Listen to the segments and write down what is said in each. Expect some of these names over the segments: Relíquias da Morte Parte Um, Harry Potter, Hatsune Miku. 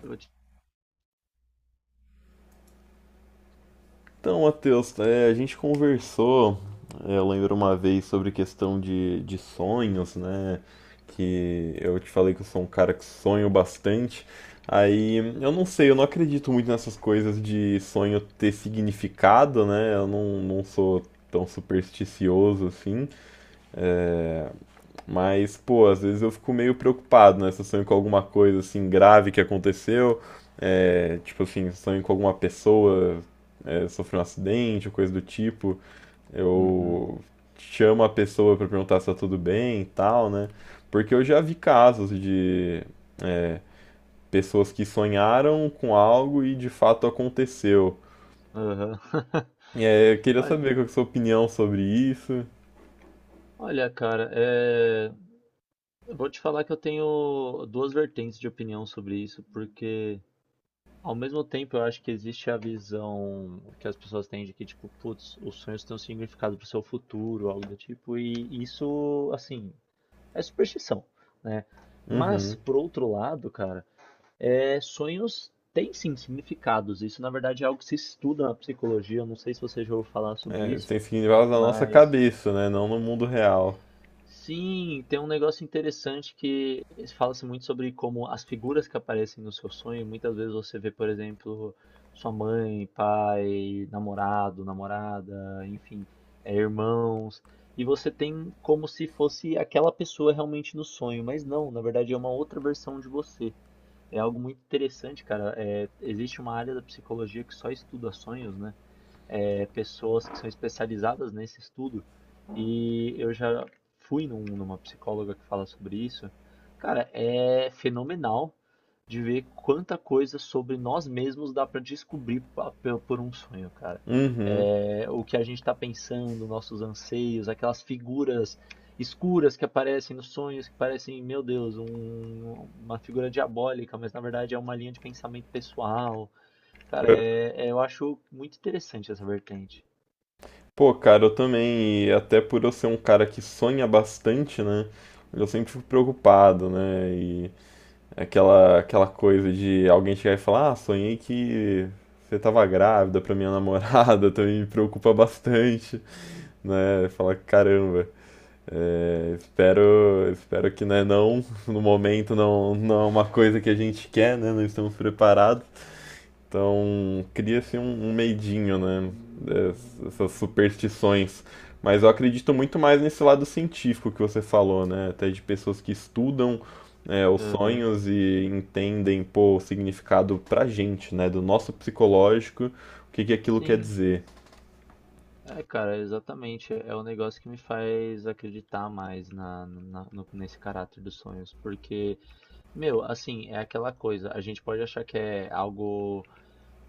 Eu vou te- Então, Matheus, a gente conversou, eu lembro uma vez sobre questão de sonhos, né? Que eu te falei que eu sou um cara que sonho bastante. Aí eu não sei, eu não acredito muito nessas coisas de sonho ter significado, né? Eu não sou tão supersticioso assim. é, mas, pô, às vezes eu fico meio preocupado, né? Se eu sonho com alguma coisa assim grave que aconteceu, é, tipo assim, sonho com alguma pessoa, sofreu um acidente ou coisa do tipo, Uhum. eu chamo a pessoa pra perguntar se tá tudo bem e tal, né? Porque eu já vi casos de é, pessoas que sonharam com algo e de fato aconteceu. Aham. E eu queria saber Olha, qual que é a sua opinião sobre isso. olha, cara, eu vou te falar que eu tenho duas vertentes de opinião sobre isso, porque ao mesmo tempo eu acho que existe a visão que as pessoas têm de que, tipo, putz, os sonhos têm um significado pro seu futuro, algo do tipo, e isso, assim, é superstição, né? Mas, Uhum. por outro lado, cara, sonhos têm sim significados. Isso, na verdade, é algo que se estuda na psicologia. Eu não sei se você já ouviu falar sobre É, isso, tem significados na nossa mas. cabeça, né? Não no mundo real. Sim, tem um negócio interessante que fala-se muito sobre como as figuras que aparecem no seu sonho, muitas vezes você vê, por exemplo, sua mãe, pai, namorado, namorada, enfim, irmãos, e você tem como se fosse aquela pessoa realmente no sonho, mas não, na verdade é uma outra versão de você. É algo muito interessante, cara. É, existe uma área da psicologia que só estuda sonhos, né? É, pessoas que são especializadas nesse estudo e eu já numa psicóloga que fala sobre isso. Cara, é fenomenal de ver quanta coisa sobre nós mesmos dá para descobrir por um sonho, cara. Uhum. É, o que a gente está pensando, nossos anseios, aquelas figuras escuras que aparecem nos sonhos, que parecem, meu Deus, uma figura diabólica, mas na verdade é uma linha de pensamento pessoal. Cara, É, eu acho muito interessante essa vertente. pô, cara, eu também, e até por eu ser um cara que sonha bastante, né? Eu sempre fico preocupado, né? E aquela coisa de alguém chegar e falar, ah, sonhei que você tava grávida pra minha namorada, também me preocupa bastante, né? Fala caramba, é, espero que, né, não, no momento não é uma coisa que a gente quer, né? Não estamos preparados. Então cria-se um medinho, né? Essas superstições. Mas eu acredito muito mais nesse lado científico que você falou, né? Até de pessoas que estudam os Aham. sonhos e entendem, pô, o significado pra gente, né? Do nosso psicológico, o que que aquilo quer Sim, dizer. é, cara, exatamente. É o negócio que me faz acreditar mais nesse caráter dos sonhos. Porque, meu, assim, é aquela coisa. A gente pode achar que é algo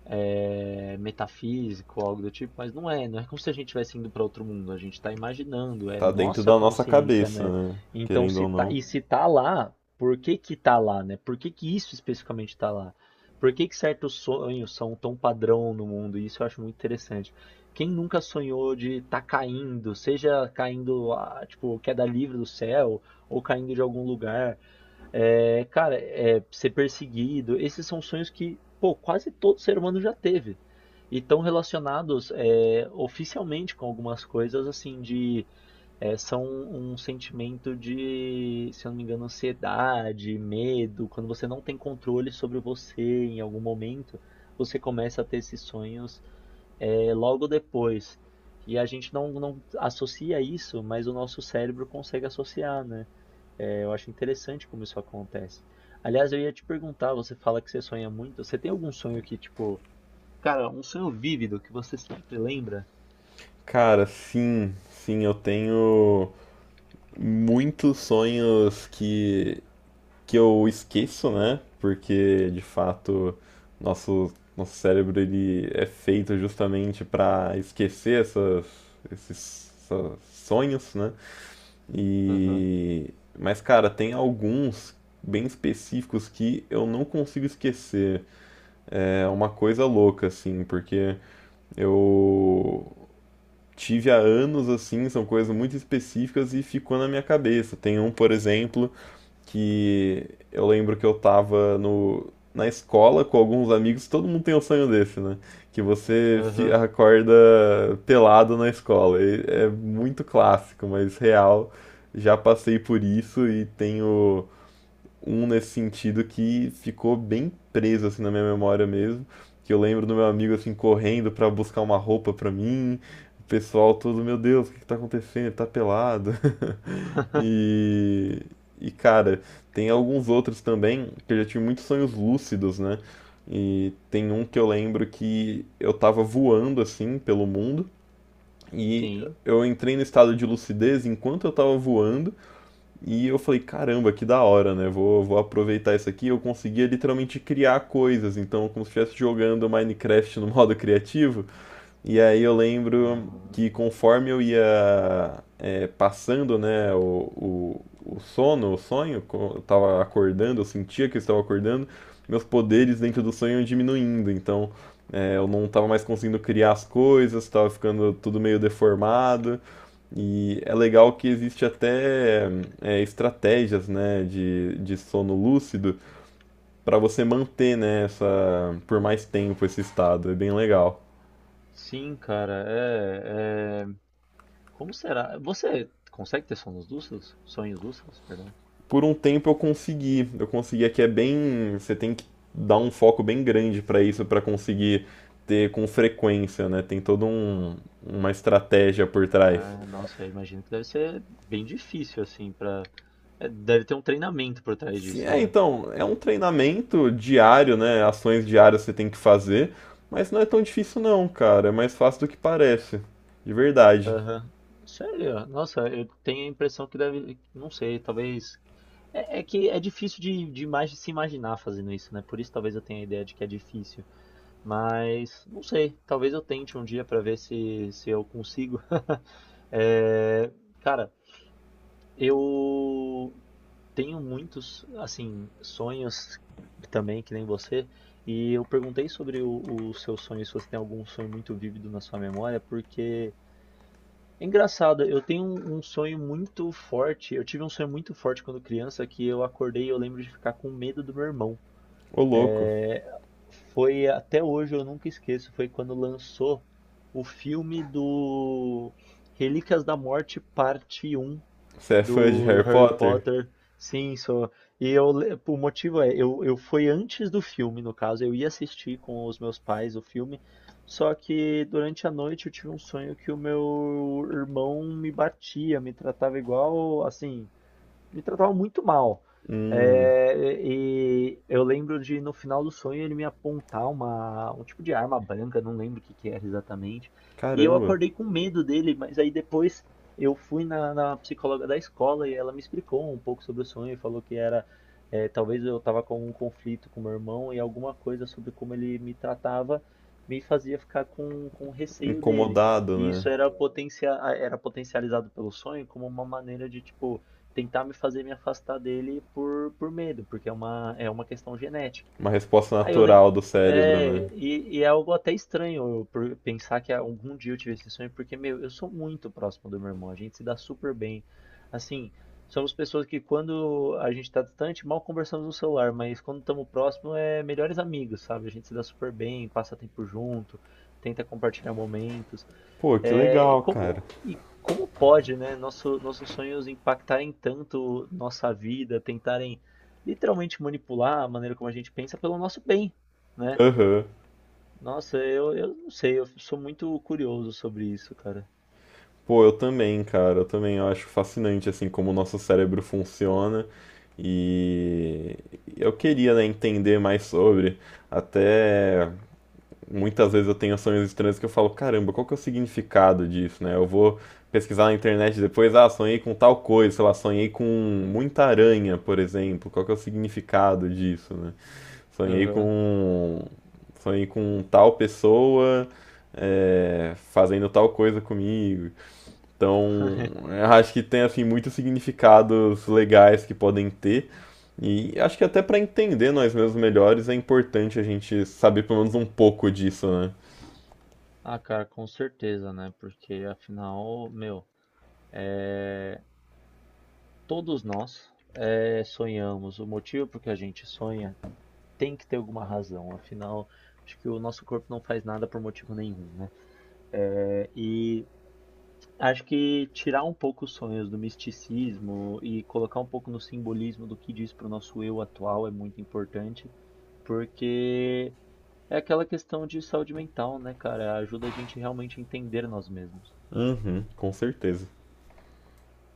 metafísico, algo do tipo, mas não é, não é como se a gente estivesse indo para outro mundo, a gente está imaginando, é Tá dentro nossa da nossa consciência, cabeça, né? né? Então, Querendo se ou tá, não. e se tá lá, por que que tá lá, né? Por que que isso especificamente tá lá? Por que que certos sonhos são tão padrão no mundo? Isso eu acho muito interessante. Quem nunca sonhou de estar caindo, seja caindo, ah, tipo, queda livre do céu, ou caindo de algum lugar, ser perseguido, esses são sonhos que, pô, quase todo ser humano já teve. E estão relacionados oficialmente com algumas coisas, são um sentimento de, se eu não me engano, ansiedade, medo. Quando você não tem controle sobre você em algum momento, você começa a ter esses sonhos logo depois. E a gente não associa isso, mas o nosso cérebro consegue associar, né? É, eu acho interessante como isso acontece. Aliás, eu ia te perguntar, você fala que você sonha muito. Você tem algum sonho que, tipo, cara, um sonho vívido que você sempre lembra? Cara, sim, eu tenho muitos sonhos que eu esqueço, né? Porque de fato nosso cérebro ele é feito justamente para esquecer essas, sonhos, né? Aham, E mas cara, tem alguns bem específicos que eu não consigo esquecer. É uma coisa louca assim, porque eu tive há anos assim, são coisas muito específicas e ficou na minha cabeça. Tem um, por exemplo, que eu lembro que eu tava no, na escola com alguns amigos, todo mundo tem um sonho desse, né? Que você aham, acorda pelado na escola. E é muito clássico, mas real. Já passei por isso e tenho um nesse sentido que ficou bem preso assim na minha memória mesmo, que eu lembro do meu amigo assim correndo pra buscar uma roupa pra mim, o pessoal todo, meu Deus, o que que tá acontecendo? Ele tá pelado. E e cara, tem alguns outros também que eu já tive muitos sonhos lúcidos, né? E tem um que eu lembro que eu tava voando assim pelo mundo e sim. eu entrei no estado de lucidez enquanto eu tava voando e eu falei, caramba, que da hora, né? Vou aproveitar isso aqui. Eu conseguia literalmente criar coisas, então, como se estivesse jogando Minecraft no modo criativo. E aí eu lembro que Ah, conforme eu ia é, passando, né, o sono, o sonho, eu tava acordando, eu sentia que eu estava acordando, meus poderes dentro do sonho iam diminuindo, então eu não tava mais conseguindo criar as coisas, tava ficando tudo meio deformado. E é legal que existe até estratégias, né, de sono lúcido para você manter, né, essa, por mais tempo esse estado. É bem legal. sim, cara, como será? Você consegue ter sonhos lúcidos? Sonhos lúcidos, perdão. Por um tempo eu consegui. Eu conseguia que é bem, você tem que dar um foco bem grande para isso para conseguir ter com frequência, né? Tem toda uma estratégia por trás. Ah, nossa, eu imagino que deve ser bem difícil, assim. Deve ter um treinamento por trás Sim, disso, é, né? então, é um treinamento diário, né? Ações diárias você tem que fazer, mas não é tão difícil não, cara. É mais fácil do que parece. De verdade. Aham. Sério? Nossa, eu tenho a impressão que deve. Não sei, talvez. É que é difícil de se imaginar fazendo isso, né? Por isso talvez eu tenha a ideia de que é difícil. Mas, não sei, talvez eu tente um dia pra ver se, se eu consigo. É, cara, eu tenho muitos, assim, sonhos também, que nem você. E eu perguntei sobre o seu sonho, se você tem algum sonho muito vívido na sua memória, porque. É engraçado, eu tenho um sonho muito forte. Eu tive um sonho muito forte quando criança que eu acordei e eu lembro de ficar com medo do meu irmão. Ô louco. É, Foi até hoje, eu nunca esqueço, foi quando lançou o filme do Relíquias da Morte Parte Um Você é fã de do, do Harry Harry Potter? Potter. Sim, só. E eu, o motivo é, eu fui antes do filme, no caso, eu ia assistir com os meus pais o filme, só que durante a noite eu tive um sonho que o meu irmão me batia, me tratava igual, assim, me tratava muito mal. Hum, É, e eu lembro de no final do sonho ele me apontar um tipo de arma branca, não lembro o que que era exatamente. E eu caramba. acordei com medo dele, mas aí depois eu fui na psicóloga da escola e ela me explicou um pouco sobre o sonho e falou que era talvez eu estava com um conflito com meu irmão e alguma coisa sobre como ele me tratava me fazia ficar com receio dele. Incomodado, E né? isso era potencializado pelo sonho como uma maneira de, tipo, tentar me fazer me afastar dele por medo, porque é uma questão genética. Uma resposta Aí eu lembro. natural do cérebro, né? E é algo até estranho eu por pensar que algum dia eu tive esse sonho, porque, meu, eu sou muito próximo do meu irmão, a gente se dá super bem. Assim, somos pessoas que quando a gente tá distante, mal conversamos no celular, mas quando estamos próximos é melhores amigos, sabe? A gente se dá super bem, passa tempo junto, tenta compartilhar momentos. Pô, que É, legal, cara. E como pode, né, nossos sonhos impactarem tanto nossa vida, tentarem literalmente manipular a maneira como a gente pensa pelo nosso bem, né? Aham. Nossa, eu não sei, eu sou muito curioso sobre isso, cara. Pô, eu também, cara. Eu também eu acho fascinante, assim, como o nosso cérebro funciona. E eu queria, né, entender mais sobre. Até muitas vezes eu tenho sonhos estranhos que eu falo, caramba, qual que é o significado disso, né? Eu vou pesquisar na internet depois, ah, sonhei com tal coisa, sei lá, sonhei com muita aranha, por exemplo. Qual que é o significado disso, né? Sonhei Aham. com. Sonhei com tal pessoa fazendo tal coisa comigo. Então, eu acho que tem assim muitos significados legais que podem ter. E acho que até para entender nós mesmos melhores é importante a gente saber pelo menos um pouco disso, né? Ah, cara, com certeza, né? Porque afinal, meu, é, todos nós sonhamos. O motivo por que a gente sonha tem que ter alguma razão. Afinal, acho que o nosso corpo não faz nada por motivo nenhum, né? Acho que tirar um pouco os sonhos do misticismo e colocar um pouco no simbolismo do que diz para o nosso eu atual é muito importante, porque é aquela questão de saúde mental, né, cara? Ajuda a gente realmente a entender nós mesmos. Uhum, com certeza.